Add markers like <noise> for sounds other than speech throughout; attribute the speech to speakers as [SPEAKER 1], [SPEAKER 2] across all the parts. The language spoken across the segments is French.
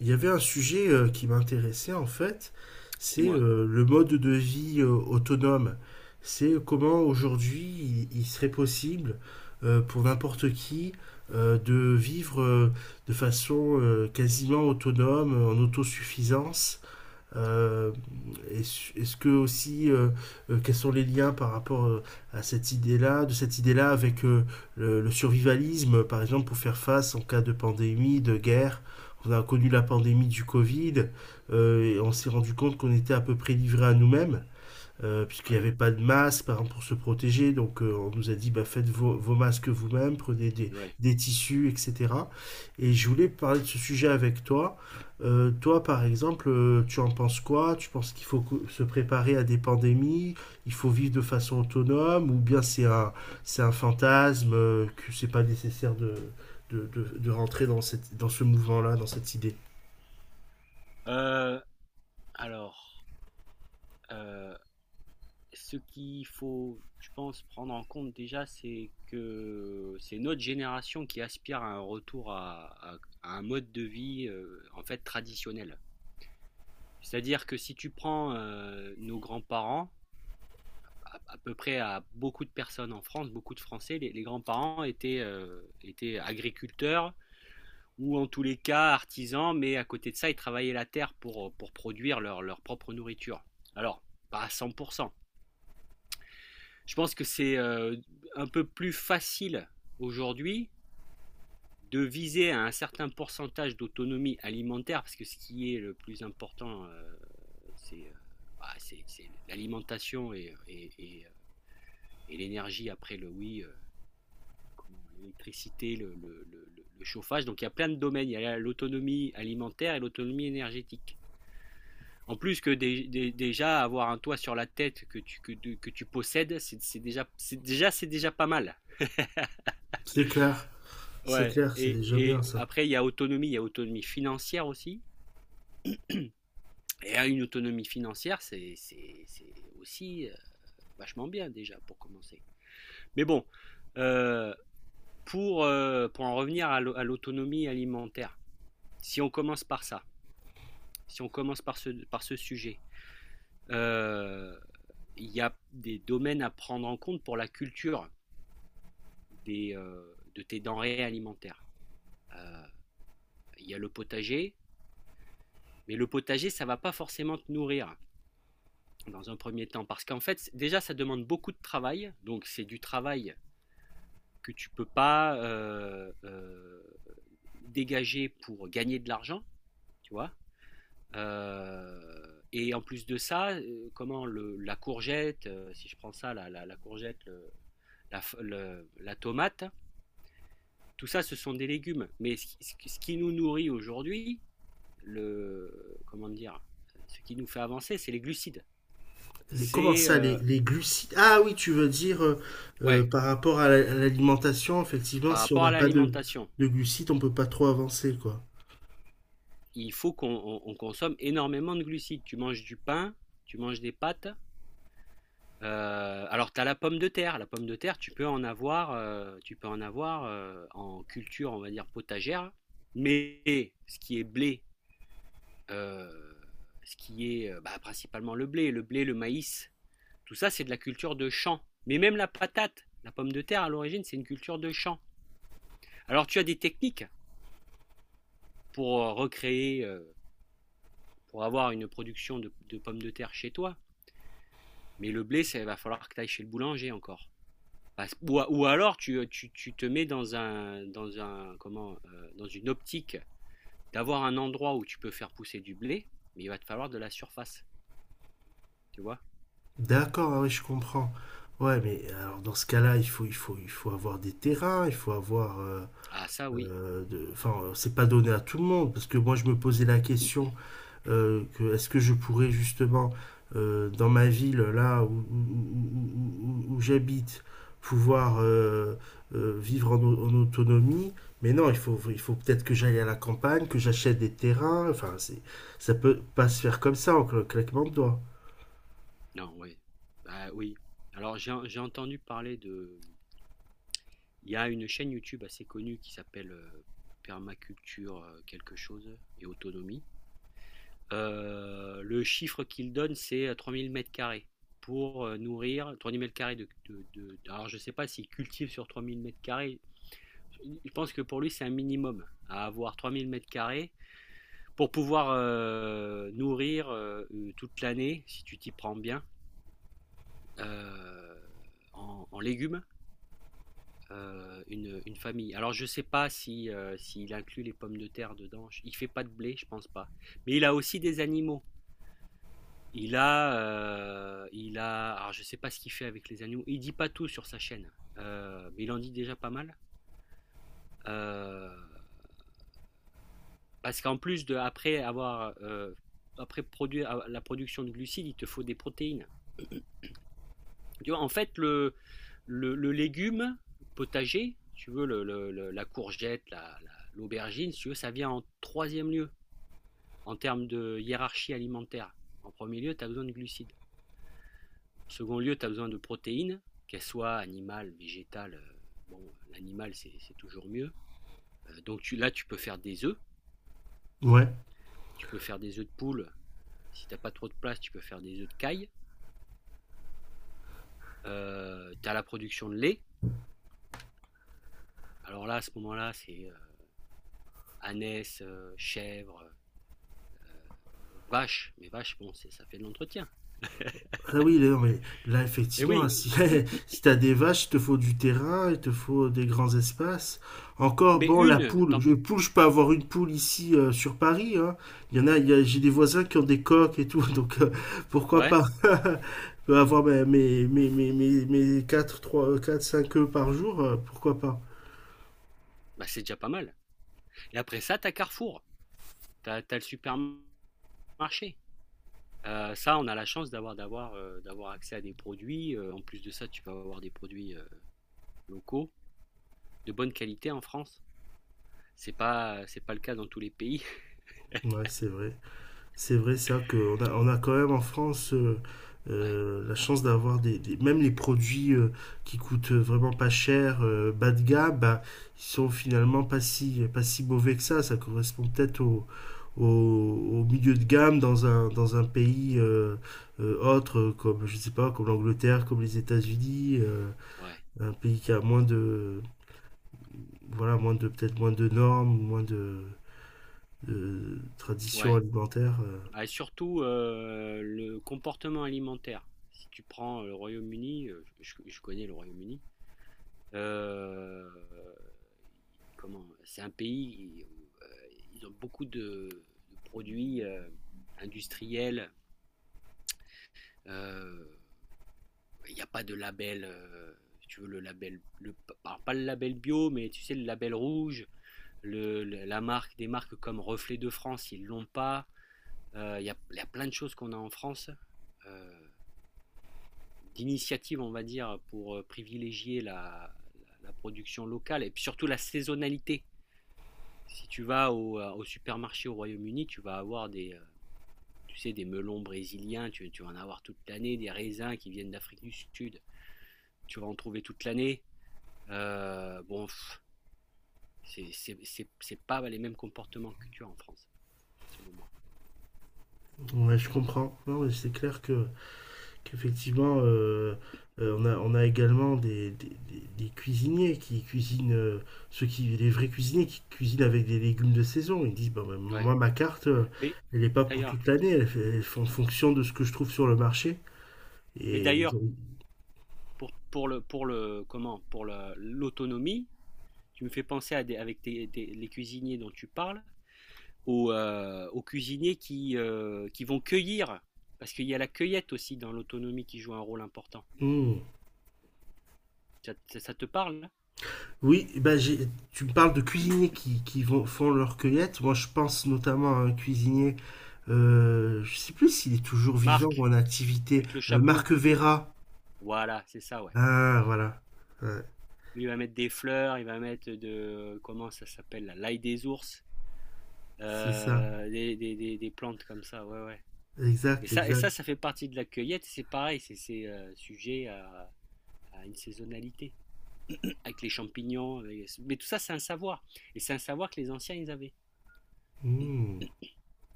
[SPEAKER 1] Il y avait un sujet qui m'intéressait en fait, c'est
[SPEAKER 2] Dis-moi.
[SPEAKER 1] le mode de vie autonome. C'est comment aujourd'hui il serait possible pour n'importe qui de vivre de façon quasiment autonome, en autosuffisance, euh, est-ce que aussi, quels sont les liens par rapport à cette idée-là, de cette idée-là avec le survivalisme, par exemple, pour faire face en cas de pandémie, de guerre. On a connu la pandémie du Covid et on s'est rendu compte qu'on était à peu près livré à nous-mêmes puisqu'il n'y
[SPEAKER 2] Oui,
[SPEAKER 1] avait pas de masque par exemple, pour se protéger. Donc on nous a dit bah, faites vos masques vous-même, prenez
[SPEAKER 2] oui.
[SPEAKER 1] des tissus, etc. Et je voulais parler de ce sujet avec toi. Toi, par exemple, tu en penses quoi? Tu penses qu'il faut se préparer à des pandémies? Il faut vivre de façon autonome? Ou bien c'est un fantasme que c'est pas nécessaire de rentrer dans ce mouvement-là, dans cette idée.
[SPEAKER 2] Heu, alors, heu, ce qu'il faut, je pense, prendre en compte déjà, c'est que c'est notre génération qui aspire à un retour à un mode de vie, en fait, traditionnel. C'est-à-dire que si tu prends, nos grands-parents, à peu près à beaucoup de personnes en France, beaucoup de Français, les grands-parents étaient agriculteurs ou en tous les cas artisans, mais à côté de ça, ils travaillaient la terre pour produire leur propre nourriture. Alors, pas à 100%. Je pense que c'est un peu plus facile aujourd'hui de viser à un certain pourcentage d'autonomie alimentaire, parce que ce qui est le plus important, c'est euh, c'est l'alimentation et l'énergie après le oui, comment, l'électricité, le chauffage. Donc il y a plein de domaines, il y a l'autonomie alimentaire et l'autonomie énergétique. En plus que déjà avoir un toit sur la tête que tu possèdes, c'est déjà pas mal.
[SPEAKER 1] C'est clair, c'est
[SPEAKER 2] Ouais,
[SPEAKER 1] clair, c'est
[SPEAKER 2] et,
[SPEAKER 1] déjà bien
[SPEAKER 2] et
[SPEAKER 1] ça.
[SPEAKER 2] après il y a autonomie, il y a autonomie financière aussi. Et à une autonomie financière, c'est aussi vachement bien déjà pour commencer. Mais bon, euh, pour en revenir à à l'autonomie alimentaire, si on commence par ça, si on commence par ce sujet, euh, il y a des domaines à prendre en compte pour la culture, des, de tes denrées alimentaires. Il y a le potager, mais le potager, ça ne va pas forcément te nourrir dans un premier temps, parce qu'en fait, déjà, ça demande beaucoup de travail, donc c'est du travail que tu ne peux pas dégager pour gagner de l'argent, tu vois. Et en plus de ça, comment le, la courgette, si je prends ça, la courgette, la tomate, tout ça, ce sont des légumes. Mais ce qui nous nourrit aujourd'hui, le comment dire, ce qui nous fait avancer, c'est les glucides.
[SPEAKER 1] Les, comment
[SPEAKER 2] C'est
[SPEAKER 1] ça, les glucides? Ah oui, tu veux dire
[SPEAKER 2] Ouais,
[SPEAKER 1] par rapport à à l'alimentation, effectivement,
[SPEAKER 2] par
[SPEAKER 1] si on
[SPEAKER 2] rapport à
[SPEAKER 1] n'a pas de,
[SPEAKER 2] l'alimentation,
[SPEAKER 1] de glucides, on peut pas trop avancer, quoi.
[SPEAKER 2] il faut qu'on consomme énormément de glucides. Tu manges du pain, tu manges des pâtes. Alors tu as la pomme de terre. La pomme de terre, tu peux en avoir, tu peux en avoir en culture, on va dire potagère. Mais euh, ce qui est bah, principalement le blé, le maïs, tout ça, c'est de la culture de champ. Mais même la patate, la pomme de terre, à l'origine, c'est une culture de champ. Alors, tu as des techniques pour recréer, pour avoir une production de pommes de terre chez toi. Mais le blé, ça il va falloir que tu ailles chez le boulanger encore. Ou alors tu te mets dans un comment dans une optique d'avoir un endroit où tu peux faire pousser du blé, mais il va te falloir de la surface, tu vois?
[SPEAKER 1] D'accord, ah oui, je comprends. Ouais, mais alors dans ce cas-là, il faut avoir des terrains, il faut avoir,
[SPEAKER 2] Ah ça oui.
[SPEAKER 1] enfin, c'est pas donné à tout le monde, parce que moi, je me posais la question. Que est-ce que je pourrais justement dans ma ville là où j'habite pouvoir vivre en autonomie, mais non, il faut peut-être que j'aille à la campagne, que j'achète des terrains, enfin c'est, ça peut pas se faire comme ça en cl claquement de doigts.
[SPEAKER 2] Non, oui. Ah oui. Alors j'ai entendu parler de... Il y a une chaîne YouTube assez connue qui s'appelle Permaculture quelque chose et autonomie. Le chiffre qu'il donne, c'est 3000 mètres carrés pour nourrir 3000 mètres carrés Alors, je ne sais pas s'il cultive sur 3000 mètres carrés. Je pense que pour lui, c'est un minimum à avoir 3000 mètres carrés pour pouvoir nourrir toute l'année, si tu t'y prends bien, euh, en, légumes une famille. Alors je sais pas si s'il inclut les pommes de terre dedans. Il fait pas de blé, je pense pas. Mais il a aussi des animaux. Il a. Alors je sais pas ce qu'il fait avec les animaux. Il dit pas tout sur sa chaîne, mais il en dit déjà pas mal. Euh, parce qu'en plus de après avoir après produire la production de glucides, il te faut des protéines. Tu vois, en fait le légume potager, si tu veux la courgette, l'aubergine, si tu veux, ça vient en troisième lieu, en termes de hiérarchie alimentaire. En premier lieu, tu as besoin de glucides. En second lieu, tu as besoin de protéines, qu'elles soient animales, végétales. Bon, l'animal, c'est toujours mieux. Donc tu, là, tu peux faire des œufs.
[SPEAKER 1] Ouais.
[SPEAKER 2] Tu peux faire des œufs de poule. Si tu n'as pas trop de place, tu peux faire des œufs de caille. Tu as la production de lait. Alors là, à ce moment-là, c'est ânesse, chèvre, vache. Mais vache, bon, c'est- ça fait de l'entretien.
[SPEAKER 1] Ah oui, là, non, mais là,
[SPEAKER 2] Et
[SPEAKER 1] effectivement, hein,
[SPEAKER 2] oui,
[SPEAKER 1] si, <laughs> si t'as des vaches, il te faut du terrain, il te faut des grands espaces. Encore,
[SPEAKER 2] mais
[SPEAKER 1] bon, la
[SPEAKER 2] une,
[SPEAKER 1] poule, je peux avoir une poule ici sur Paris, hein. Il y en a, il y a- j'ai des voisins qui ont des coques et tout, <laughs> donc pourquoi
[SPEAKER 2] ouais,
[SPEAKER 1] pas? <laughs> Je peux avoir mes 4 3 4 5 œufs par jour, pourquoi pas?
[SPEAKER 2] bah c'est déjà pas mal. Et après ça, tu as Carrefour. Tu as le supermarché. Ça, on a la chance d'avoir accès à des produits. En plus de ça, tu peux avoir des produits locaux de bonne qualité en France. C'est pas le cas dans tous les pays. <laughs>
[SPEAKER 1] Ouais, c'est vrai. C'est vrai ça, qu'on a, on a quand même en France
[SPEAKER 2] Ouais,
[SPEAKER 1] la chance d'avoir des- même les produits qui coûtent vraiment pas cher, bas de gamme, bah, ils sont finalement pas si mauvais que ça. Ça correspond peut-être au milieu de gamme dans dans un pays autre, comme je sais pas, comme l'Angleterre, comme les États-Unis,
[SPEAKER 2] ouais,
[SPEAKER 1] un pays qui a moins de, voilà, moins de, peut-être moins de normes, moins de traditions
[SPEAKER 2] ouais.
[SPEAKER 1] alimentaires.
[SPEAKER 2] Ah, et surtout le comportement alimentaire. Si tu prends le Royaume-Uni, connais le Royaume-Uni. euh, Comment? C'est un pays où ils ont beaucoup de produits industriels. euh, il n'y a pas de label, si tu veux le label, alors pas le label bio, mais tu sais, le label rouge, la marque, des marques comme Reflet de France, ils ne l'ont pas. Il y a plein de choses qu'on a en France, euh, d'initiatives, on va dire, pour privilégier la production locale et puis surtout la saisonnalité. Si tu vas au supermarché au Royaume-Uni, tu vas avoir tu sais, des melons brésiliens, tu vas en avoir toute l'année, des raisins qui viennent d'Afrique du Sud, tu vas en trouver toute l'année. Bon, c'est pas les mêmes comportements que tu as en France, selon moi.
[SPEAKER 1] Ouais, je comprends. Non, mais c'est clair que qu'effectivement, on a également des cuisiniers qui cuisinent, ceux qui, les vrais cuisiniers qui cuisinent avec des légumes de saison. Ils disent, bah, bah,
[SPEAKER 2] Ouais.
[SPEAKER 1] moi, ma carte,
[SPEAKER 2] Mais
[SPEAKER 1] elle n'est pas pour
[SPEAKER 2] d'ailleurs,
[SPEAKER 1] toute l'année, elle fait en fonction de ce que je trouve sur le marché.
[SPEAKER 2] mais
[SPEAKER 1] Et ils
[SPEAKER 2] d'ailleurs,
[SPEAKER 1] ont-.
[SPEAKER 2] pour l'autonomie, tu me fais penser à des, avec les cuisiniers dont tu parles, aux, aux cuisiniers qui vont cueillir, parce qu'il y a la cueillette aussi dans l'autonomie qui joue un rôle important.
[SPEAKER 1] Hmm.
[SPEAKER 2] Ça, ça te parle? Hein?
[SPEAKER 1] Oui, bah, j'ai- tu me parles de cuisiniers qui vont, font leur cueillette. Moi, je pense notamment à un cuisinier, je sais plus s'il est toujours vivant ou
[SPEAKER 2] Marc,
[SPEAKER 1] en activité,
[SPEAKER 2] avec le chapeau.
[SPEAKER 1] Marc Vera.
[SPEAKER 2] Voilà, c'est ça, ouais.
[SPEAKER 1] Ah, voilà. Ouais,
[SPEAKER 2] Lui, il va mettre des fleurs, il va mettre de comment ça s'appelle, la l'ail des ours.
[SPEAKER 1] c'est ça.
[SPEAKER 2] Des, des plantes comme ça, ouais, ouais.
[SPEAKER 1] Exact,
[SPEAKER 2] Et
[SPEAKER 1] exact.
[SPEAKER 2] ça, ça fait partie de la cueillette, c'est pareil, sujet à une saisonnalité, avec les champignons, mais tout ça, c'est un savoir, et c'est un savoir que les anciens, ils avaient.
[SPEAKER 1] Hmm.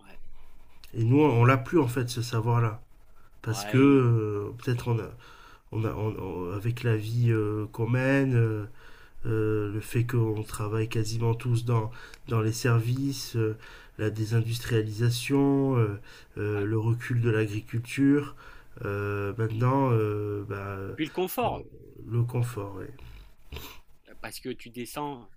[SPEAKER 2] Ouais.
[SPEAKER 1] Et nous, on l'a plus en fait, ce savoir-là. Parce que
[SPEAKER 2] Braille,
[SPEAKER 1] peut-être on a, on a, on- on- avec la vie qu'on mène, le fait qu'on travaille quasiment tous dans les services, la désindustrialisation,
[SPEAKER 2] ouais.
[SPEAKER 1] le recul de l'agriculture, maintenant, bah,
[SPEAKER 2] Puis le
[SPEAKER 1] on-,
[SPEAKER 2] confort,
[SPEAKER 1] le confort. Ouais.
[SPEAKER 2] parce que tu descends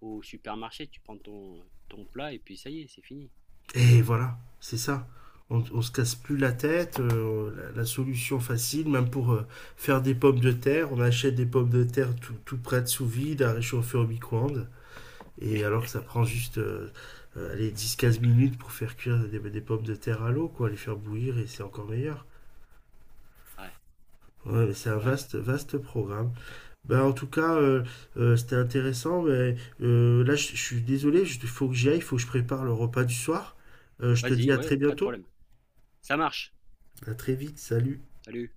[SPEAKER 2] au supermarché, tu prends ton, ton plat, et puis ça y est, c'est fini.
[SPEAKER 1] Et voilà, c'est ça. On se casse plus la tête. La, la solution facile, même pour faire des pommes de terre, on achète des pommes de terre tout prêtes sous vide à réchauffer au micro-ondes. Et alors que ça prend juste allez, 10-15 minutes pour faire cuire des pommes de terre à l'eau, quoi, les faire bouillir et c'est encore meilleur.
[SPEAKER 2] Ouais,
[SPEAKER 1] Ouais, c'est un
[SPEAKER 2] ouais.
[SPEAKER 1] vaste, vaste programme. Ben, en tout cas, c'était intéressant. Mais, là, je suis désolé, il faut que j'y aille, il faut que je prépare le repas du soir. Je te dis
[SPEAKER 2] Vas-y,
[SPEAKER 1] à
[SPEAKER 2] ouais,
[SPEAKER 1] très
[SPEAKER 2] pas de
[SPEAKER 1] bientôt.
[SPEAKER 2] problème. Ça marche.
[SPEAKER 1] À très vite, salut.
[SPEAKER 2] Salut.